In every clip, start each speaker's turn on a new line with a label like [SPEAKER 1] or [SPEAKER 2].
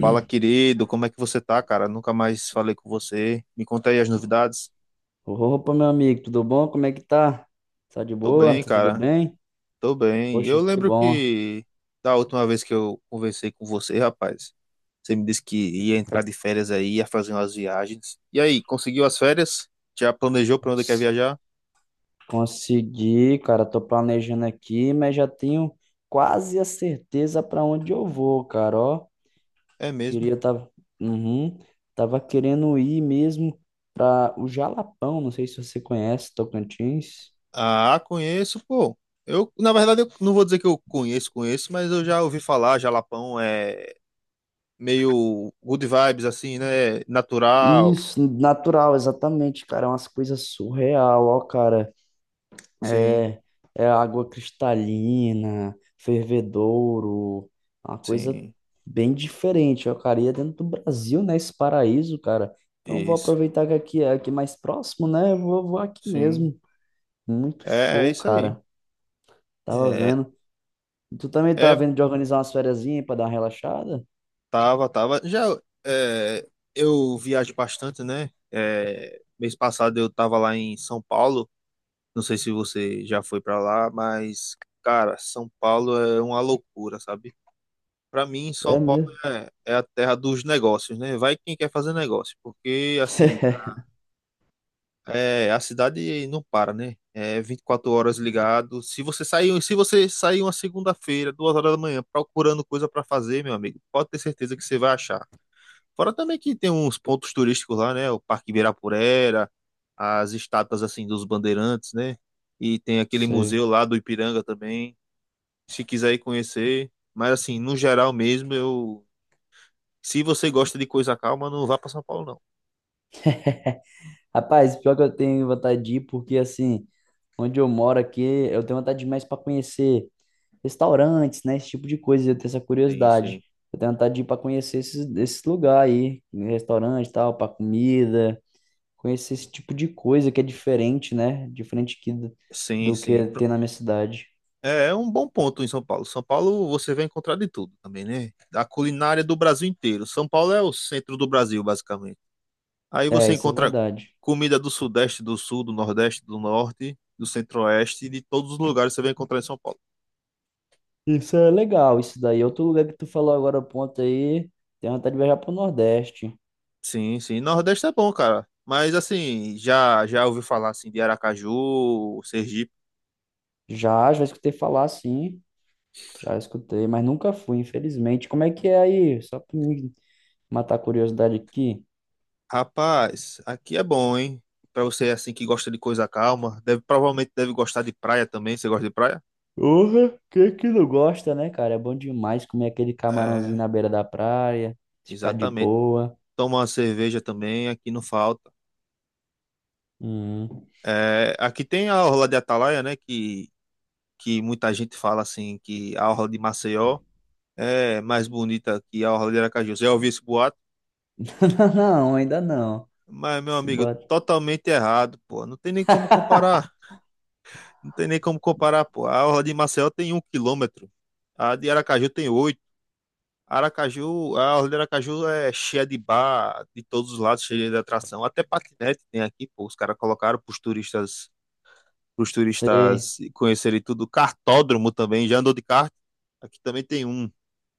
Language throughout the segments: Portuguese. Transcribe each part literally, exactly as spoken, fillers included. [SPEAKER 1] Fala, querido, como é que você tá, cara? Nunca mais falei com você. Me conta aí as novidades.
[SPEAKER 2] Opa, meu amigo, tudo bom? Como é que tá? Tá de
[SPEAKER 1] Tô
[SPEAKER 2] boa?
[SPEAKER 1] bem,
[SPEAKER 2] Tá tudo
[SPEAKER 1] cara.
[SPEAKER 2] bem?
[SPEAKER 1] Tô bem. Eu
[SPEAKER 2] Poxa, que
[SPEAKER 1] lembro
[SPEAKER 2] bom.
[SPEAKER 1] que da última vez que eu conversei com você, rapaz, você me disse que ia entrar de férias aí, ia fazer umas viagens. E aí, conseguiu as férias? Já planejou pra onde quer viajar?
[SPEAKER 2] Consegui, cara. Tô planejando aqui, mas já tenho quase a certeza para onde eu vou, cara. Ó,
[SPEAKER 1] É mesmo?
[SPEAKER 2] queria tava, uhum, tava querendo ir mesmo para o Jalapão. Não sei se você conhece Tocantins.
[SPEAKER 1] Ah, conheço, pô. Eu, na verdade, eu não vou dizer que eu conheço, conheço, mas eu já ouvi falar, Jalapão é meio good vibes assim, né? Natural.
[SPEAKER 2] Isso, natural, exatamente, cara. É umas coisas surreal, ó, cara.
[SPEAKER 1] Sim,
[SPEAKER 2] É, é água cristalina, fervedouro, uma coisa
[SPEAKER 1] sim.
[SPEAKER 2] bem diferente. Eu queria dentro do Brasil, né? Esse paraíso, cara. Então vou
[SPEAKER 1] Isso,
[SPEAKER 2] aproveitar que aqui é aqui mais próximo, né? Eu Vou, vou aqui
[SPEAKER 1] sim.
[SPEAKER 2] mesmo. Muito
[SPEAKER 1] É, é
[SPEAKER 2] show,
[SPEAKER 1] isso aí.
[SPEAKER 2] cara. Tava
[SPEAKER 1] É,
[SPEAKER 2] vendo. Tu também tava
[SPEAKER 1] é,
[SPEAKER 2] vendo de organizar umas fériasinhas pra dar uma relaxada?
[SPEAKER 1] tava, tava. Já é, eu viajo bastante, né? É, mês passado eu tava lá em São Paulo. Não sei se você já foi pra lá, mas, cara, São Paulo é uma loucura, sabe? Pra mim, São
[SPEAKER 2] É
[SPEAKER 1] Paulo
[SPEAKER 2] mesmo.
[SPEAKER 1] é, é a terra dos negócios, né? Vai quem quer fazer negócio, porque, assim, é, a cidade não para, né? É vinte e quatro horas ligado. Se você sair, se você sair uma segunda-feira, duas horas da manhã, procurando coisa para fazer, meu amigo, pode ter certeza que você vai achar. Fora também que tem uns pontos turísticos lá, né? O Parque Ibirapuera, as estátuas assim dos bandeirantes, né? E tem aquele
[SPEAKER 2] Sei.
[SPEAKER 1] museu lá do Ipiranga também, se quiser ir conhecer. Mas assim, no geral mesmo, eu, se você gosta de coisa calma, não vá para São Paulo, não.
[SPEAKER 2] Rapaz, pior que eu tenho vontade de ir, porque assim, onde eu moro aqui, eu tenho vontade de mais para conhecer restaurantes, né? Esse tipo de coisa, eu tenho essa
[SPEAKER 1] Sim,
[SPEAKER 2] curiosidade.
[SPEAKER 1] sim.
[SPEAKER 2] Eu tenho vontade de ir para conhecer esses, esses lugares aí, restaurante e tal, para comida, conhecer esse tipo de coisa que é diferente, né? Diferente que, do
[SPEAKER 1] Sim,
[SPEAKER 2] do
[SPEAKER 1] sim.
[SPEAKER 2] que tem na minha cidade.
[SPEAKER 1] É é um bom ponto em São Paulo. São Paulo você vai encontrar de tudo também, né? A culinária do Brasil inteiro. São Paulo é o centro do Brasil, basicamente. Aí
[SPEAKER 2] É,
[SPEAKER 1] você
[SPEAKER 2] isso é
[SPEAKER 1] encontra
[SPEAKER 2] verdade.
[SPEAKER 1] comida do Sudeste, do Sul, do Nordeste, do Norte, do Centro-Oeste, de todos os lugares você vai encontrar em São Paulo.
[SPEAKER 2] Isso é legal, isso daí. Outro lugar que tu falou agora, ponto aí, tenho vontade de viajar pro Nordeste.
[SPEAKER 1] Sim, sim. Nordeste é bom, cara. Mas assim, já já ouvi falar assim de Aracaju, Sergipe.
[SPEAKER 2] Já, já escutei falar, sim. Já escutei, mas nunca fui, infelizmente. Como é que é aí? Só pra me matar a curiosidade aqui.
[SPEAKER 1] Rapaz, aqui é bom, hein? Pra você assim que gosta de coisa calma, deve provavelmente deve gostar de praia também. Você gosta de praia?
[SPEAKER 2] Porra, quem que não gosta, né, cara? É bom demais comer aquele camarãozinho
[SPEAKER 1] É,
[SPEAKER 2] na beira da praia, ficar de
[SPEAKER 1] exatamente.
[SPEAKER 2] boa.
[SPEAKER 1] Toma uma cerveja também, aqui não falta.
[SPEAKER 2] Hum.
[SPEAKER 1] É, aqui tem a orla de Atalaia, né? Que, que muita gente fala assim que a orla de Maceió é mais bonita que a orla de Aracaju. Já ouviu esse boato?
[SPEAKER 2] Não, ainda não.
[SPEAKER 1] Mas, meu
[SPEAKER 2] Se
[SPEAKER 1] amigo,
[SPEAKER 2] bota.
[SPEAKER 1] totalmente errado, pô. Não tem nem como comparar. Não tem nem como comparar, pô. A orla de Maceió tem um quilômetro. A de Aracaju tem oito. Aracaju, a orla de Aracaju é cheia de bar, de todos os lados, cheia de atração. Até patinete tem aqui, pô. Os caras colocaram para os turistas para os
[SPEAKER 2] Sei.
[SPEAKER 1] turistas conhecerem tudo. Kartódromo também, já andou de kart? Aqui também tem um,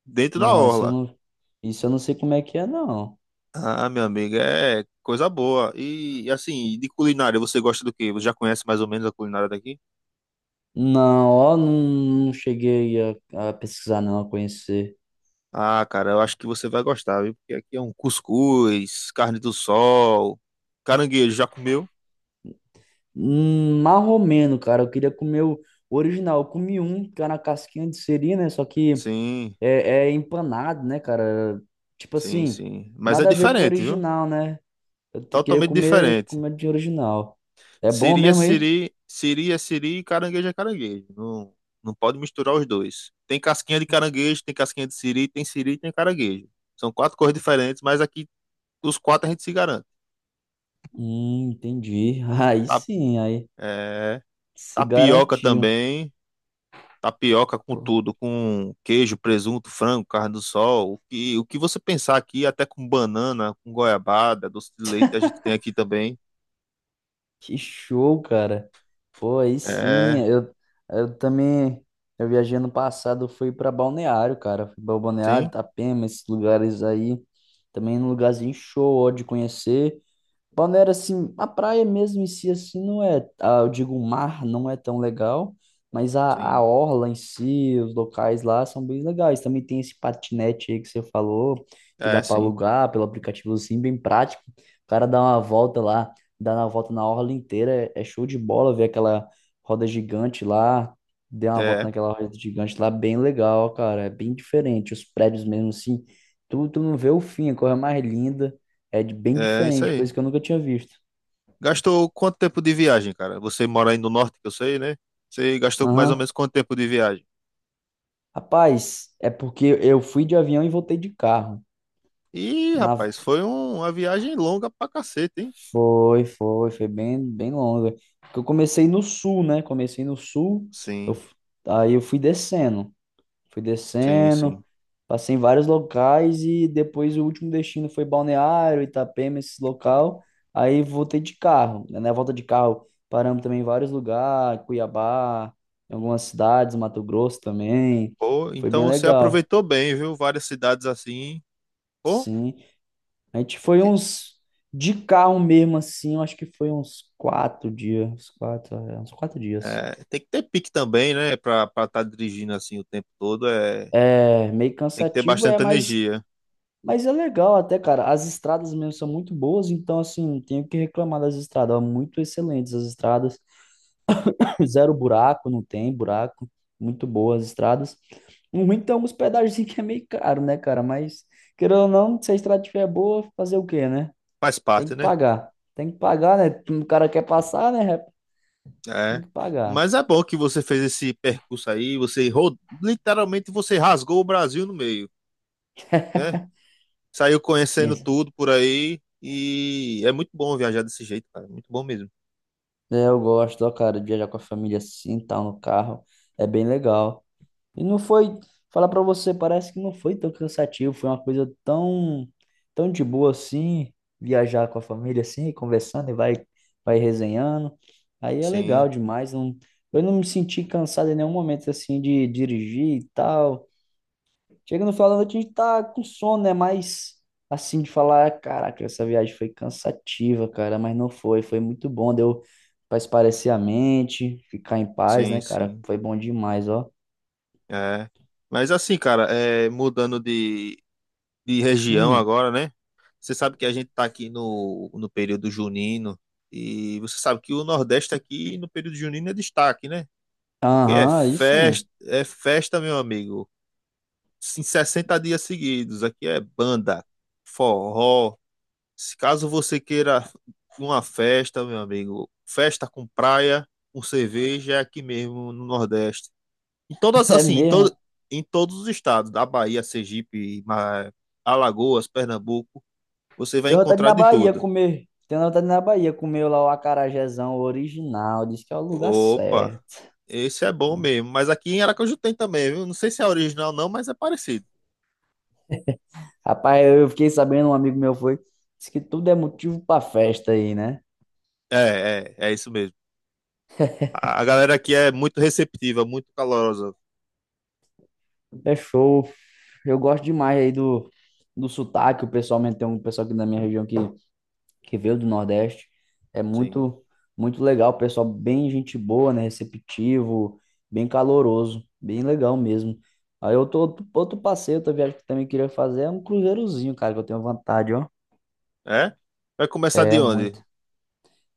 [SPEAKER 1] dentro da
[SPEAKER 2] Não, isso eu
[SPEAKER 1] orla.
[SPEAKER 2] não. Isso eu não sei como é que é, não.
[SPEAKER 1] Ah, meu amigo, é coisa boa. E assim, de culinária, você gosta do quê? Você já conhece mais ou menos a culinária daqui?
[SPEAKER 2] Não, ó, não, não cheguei a, a pesquisar, não, a conhecer.
[SPEAKER 1] Ah, cara, eu acho que você vai gostar, viu? Porque aqui é um cuscuz, carne do sol, caranguejo, já comeu?
[SPEAKER 2] Hum, marromeno, cara. Eu queria comer o original. Eu comi um, que era na casquinha de siri, né? Só que
[SPEAKER 1] Sim,
[SPEAKER 2] é, é empanado, né, cara? Tipo
[SPEAKER 1] sim,
[SPEAKER 2] assim,
[SPEAKER 1] sim. Mas é
[SPEAKER 2] nada a ver com o
[SPEAKER 1] diferente, viu?
[SPEAKER 2] original, né? Eu te- queria
[SPEAKER 1] Totalmente
[SPEAKER 2] comer
[SPEAKER 1] diferente.
[SPEAKER 2] comidinha original. É bom
[SPEAKER 1] Siri é
[SPEAKER 2] mesmo aí?
[SPEAKER 1] siri, siri é siri e caranguejo é caranguejo. Não, não pode misturar os dois. Tem casquinha de caranguejo, tem casquinha de siri, tem siri e tem caranguejo. São quatro cores diferentes, mas aqui os quatro a gente se garante.
[SPEAKER 2] Hum, entendi. Aí
[SPEAKER 1] Tá,
[SPEAKER 2] sim, aí
[SPEAKER 1] é,
[SPEAKER 2] se
[SPEAKER 1] tapioca
[SPEAKER 2] garantiu.
[SPEAKER 1] também. Tapioca com
[SPEAKER 2] Pô,
[SPEAKER 1] tudo, com queijo, presunto, frango, carne do sol. O que, o que você pensar aqui, até com banana, com goiabada, doce de leite, a gente tem aqui também.
[SPEAKER 2] que show, cara. Pô, aí sim.
[SPEAKER 1] É,
[SPEAKER 2] Eu, eu também. Eu viajei ano passado, eu fui pra Balneário, cara. Fui pra Balneário,
[SPEAKER 1] sim,
[SPEAKER 2] Itapema, esses lugares aí. Também um lugarzinho show, ó, de conhecer. Balneário, assim, a praia mesmo em si, assim, não é, ah, eu digo, o mar não é tão legal, mas a, a
[SPEAKER 1] sim.
[SPEAKER 2] orla em si, os locais lá são bem legais. Também tem esse patinete aí que você falou, que
[SPEAKER 1] É,
[SPEAKER 2] dá para
[SPEAKER 1] sim.
[SPEAKER 2] alugar pelo aplicativo, assim, bem prático. O cara dá uma volta lá, dá uma volta na orla inteira, é, é show de bola ver aquela roda gigante lá, deu uma volta
[SPEAKER 1] É,
[SPEAKER 2] naquela roda gigante lá, bem legal, cara, é bem diferente. Os prédios mesmo, assim, tu, tu não vê o fim, a coisa mais linda. É de- bem
[SPEAKER 1] é isso
[SPEAKER 2] diferente,
[SPEAKER 1] aí.
[SPEAKER 2] coisa que eu nunca tinha visto.
[SPEAKER 1] Gastou quanto tempo de viagem, cara? Você mora aí no norte, que eu sei, né? Você gastou mais ou
[SPEAKER 2] Aham.
[SPEAKER 1] menos quanto tempo de viagem?
[SPEAKER 2] Rapaz, é porque eu fui de avião e voltei de carro.
[SPEAKER 1] Ih,
[SPEAKER 2] Na...
[SPEAKER 1] rapaz, foi um- uma viagem longa pra cacete, hein?
[SPEAKER 2] Foi, foi, foi bem, bem longa. Porque eu comecei no sul, né? Comecei no sul, eu...
[SPEAKER 1] Sim,
[SPEAKER 2] f- Aí eu fui descendo. Fui
[SPEAKER 1] sim, sim.
[SPEAKER 2] descendo, passei em vários locais e depois o último destino foi Balneário, Itapema, esse local. Aí voltei de carro. Na volta de carro, paramos também em vários lugares, Cuiabá, em algumas cidades, Mato Grosso também.
[SPEAKER 1] Pô,
[SPEAKER 2] Foi
[SPEAKER 1] então
[SPEAKER 2] bem
[SPEAKER 1] você
[SPEAKER 2] legal.
[SPEAKER 1] aproveitou bem, viu? Várias cidades assim. Pô,
[SPEAKER 2] Sim. A gente foi
[SPEAKER 1] que-
[SPEAKER 2] uns. De carro mesmo, assim, eu acho que foi uns quatro dias. Uns quatro, é, uns quatro dias.
[SPEAKER 1] é, tem que ter pique também, né? Pra estar tá dirigindo assim o tempo todo. É,
[SPEAKER 2] É, meio
[SPEAKER 1] tem que ter
[SPEAKER 2] cansativo, é,
[SPEAKER 1] bastante
[SPEAKER 2] mas
[SPEAKER 1] energia.
[SPEAKER 2] Mas é legal até, cara. As estradas mesmo são muito boas, então, assim, não tenho o que reclamar das estradas. Ó, muito excelentes as estradas. Zero buraco, não tem buraco. Muito boas as estradas. O ruim tem alguns pedaços que é meio caro, né, cara? Mas, querendo ou não, se a estrada estiver boa, fazer o quê, né?
[SPEAKER 1] Faz
[SPEAKER 2] Tem
[SPEAKER 1] parte,
[SPEAKER 2] que
[SPEAKER 1] né?
[SPEAKER 2] pagar. Tem que pagar, né? O cara quer passar, né? Tem
[SPEAKER 1] É.
[SPEAKER 2] que pagar.
[SPEAKER 1] Mas é bom que você fez esse percurso aí. Você ro- literalmente você rasgou o Brasil no meio, né? Saiu conhecendo
[SPEAKER 2] Isso.
[SPEAKER 1] tudo por aí e é muito bom viajar desse jeito, cara. Muito bom mesmo.
[SPEAKER 2] É, eu gosto, ó, cara, de viajar com a família assim, tal, no carro. É bem legal. E não foi, falar pra você, parece que não foi tão cansativo, foi uma coisa tão, tão de boa assim, viajar com a família assim, conversando e vai, vai, resenhando. Aí é
[SPEAKER 1] Sim,
[SPEAKER 2] legal demais, não, eu não me senti cansado em nenhum momento assim de dirigir e tal. Chega no final da noite a gente tá com sono, né? Mas assim de falar, caraca, essa viagem foi cansativa, cara, mas não foi, foi muito bom, deu pra espairecer a mente, ficar em paz,
[SPEAKER 1] sim,
[SPEAKER 2] né, cara?
[SPEAKER 1] sim.
[SPEAKER 2] Foi bom demais, ó.
[SPEAKER 1] É. Mas assim, cara, é, mudando de, de região
[SPEAKER 2] Hum.
[SPEAKER 1] agora, né? Você sabe que a gente tá aqui no, no período junino e você sabe que o Nordeste aqui no período junino é destaque, né? Porque é
[SPEAKER 2] Aham, aí sim.
[SPEAKER 1] festa, é festa, meu amigo. Em sessenta dias seguidos. Aqui é banda, forró. Se caso você queira uma festa, meu amigo, festa com praia, com cerveja, é aqui mesmo no Nordeste. Em todas,
[SPEAKER 2] É
[SPEAKER 1] assim, em,
[SPEAKER 2] mesmo,
[SPEAKER 1] todo,
[SPEAKER 2] é.
[SPEAKER 1] em todos os estados, da Bahia, Sergipe, Ma- Alagoas, Pernambuco, você vai
[SPEAKER 2] Tenho vontade de ir
[SPEAKER 1] encontrar
[SPEAKER 2] na
[SPEAKER 1] de
[SPEAKER 2] Bahia
[SPEAKER 1] tudo.
[SPEAKER 2] comer. Tenho vontade de ir na Bahia comer lá o acarajézão original. Diz que é o lugar
[SPEAKER 1] Opa,
[SPEAKER 2] certo.
[SPEAKER 1] esse é bom mesmo. Mas aqui em Aracaju tem também, viu? Não sei se é original não, mas é parecido.
[SPEAKER 2] Rapaz, eu fiquei sabendo, um amigo meu foi. Diz que tudo é motivo pra festa aí, né?
[SPEAKER 1] É, é, é isso mesmo. A a galera aqui
[SPEAKER 2] Diz
[SPEAKER 1] é
[SPEAKER 2] que
[SPEAKER 1] muito receptiva, muito calorosa.
[SPEAKER 2] tudo é show. Eu gosto demais aí do, do, sotaque. O pessoal tem um pessoal aqui na minha região que que veio do Nordeste. É
[SPEAKER 1] Sim.
[SPEAKER 2] muito, muito legal, pessoal, bem gente boa, né? Receptivo, bem caloroso, bem legal mesmo. Aí eu tô, outro, outro passeio, outra viagem que eu também queria fazer é um cruzeirozinho, cara, que eu tenho vontade, ó.
[SPEAKER 1] É? Vai começar de
[SPEAKER 2] É
[SPEAKER 1] onde?
[SPEAKER 2] muito.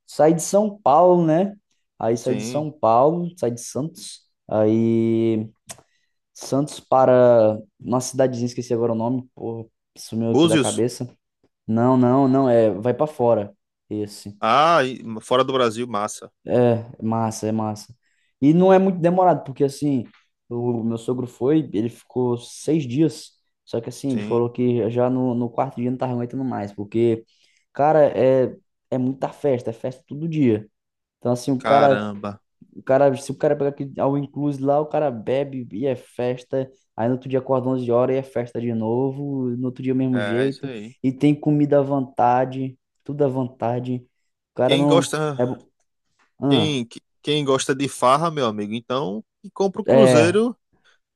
[SPEAKER 2] Saí de São Paulo, né? Aí saí de
[SPEAKER 1] Sim.
[SPEAKER 2] São Paulo, saí de Santos, aí Santos para uma cidadezinha, esqueci agora o nome, pô, sumiu aqui da
[SPEAKER 1] Búzios?
[SPEAKER 2] cabeça. Não, não, não, é, vai para fora. Esse.
[SPEAKER 1] Ah, e fora do Brasil, massa.
[SPEAKER 2] É, é massa, é massa. E não é muito demorado, porque assim, o meu sogro foi, ele ficou seis dias, só que assim, ele
[SPEAKER 1] Sim,
[SPEAKER 2] falou que já no, no, quarto dia não tava aguentando mais, porque, cara, é, é muita festa, é festa todo dia. Então assim, o cara,
[SPEAKER 1] caramba.
[SPEAKER 2] o cara, se o cara pegar aqui ao inclusive lá, o cara bebe e é festa, aí no outro dia acorda onze horas e é festa de novo, no outro dia o mesmo
[SPEAKER 1] É, é isso
[SPEAKER 2] jeito,
[SPEAKER 1] aí.
[SPEAKER 2] e tem comida à vontade, tudo à vontade. O cara
[SPEAKER 1] Quem
[SPEAKER 2] não...
[SPEAKER 1] gosta,
[SPEAKER 2] É, bom- ah.
[SPEAKER 1] quem, que- quem gosta de farra, meu amigo, então que compra o
[SPEAKER 2] É,
[SPEAKER 1] cruzeiro,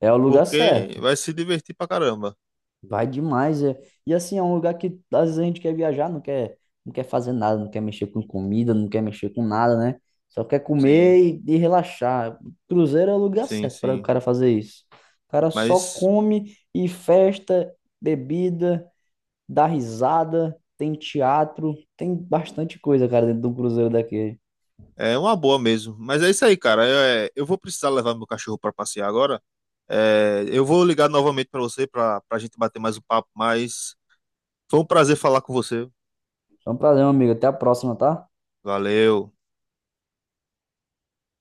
[SPEAKER 2] É o lugar
[SPEAKER 1] porque
[SPEAKER 2] certo.
[SPEAKER 1] vai se divertir pra caramba.
[SPEAKER 2] Vai demais. É. E assim, é um lugar que às vezes a gente quer viajar, não quer, não quer fazer nada, não quer mexer com comida, não quer mexer com nada, né? Só quer
[SPEAKER 1] Sim,
[SPEAKER 2] comer e, e relaxar. Cruzeiro é o lugar
[SPEAKER 1] sim,
[SPEAKER 2] certo para o
[SPEAKER 1] sim.
[SPEAKER 2] cara fazer isso. O cara só
[SPEAKER 1] Mas
[SPEAKER 2] come e festa, bebida, dá risada, tem teatro, tem bastante coisa, cara, dentro de um cruzeiro daquele.
[SPEAKER 1] é uma boa mesmo. Mas é isso aí, cara. Eu, eu vou precisar levar meu cachorro pra passear agora. É, eu vou ligar novamente pra você pra, pra, gente bater mais um papo, mas foi um prazer falar com você.
[SPEAKER 2] Foi um prazer, meu amigo. Até a próxima, tá?
[SPEAKER 1] Valeu.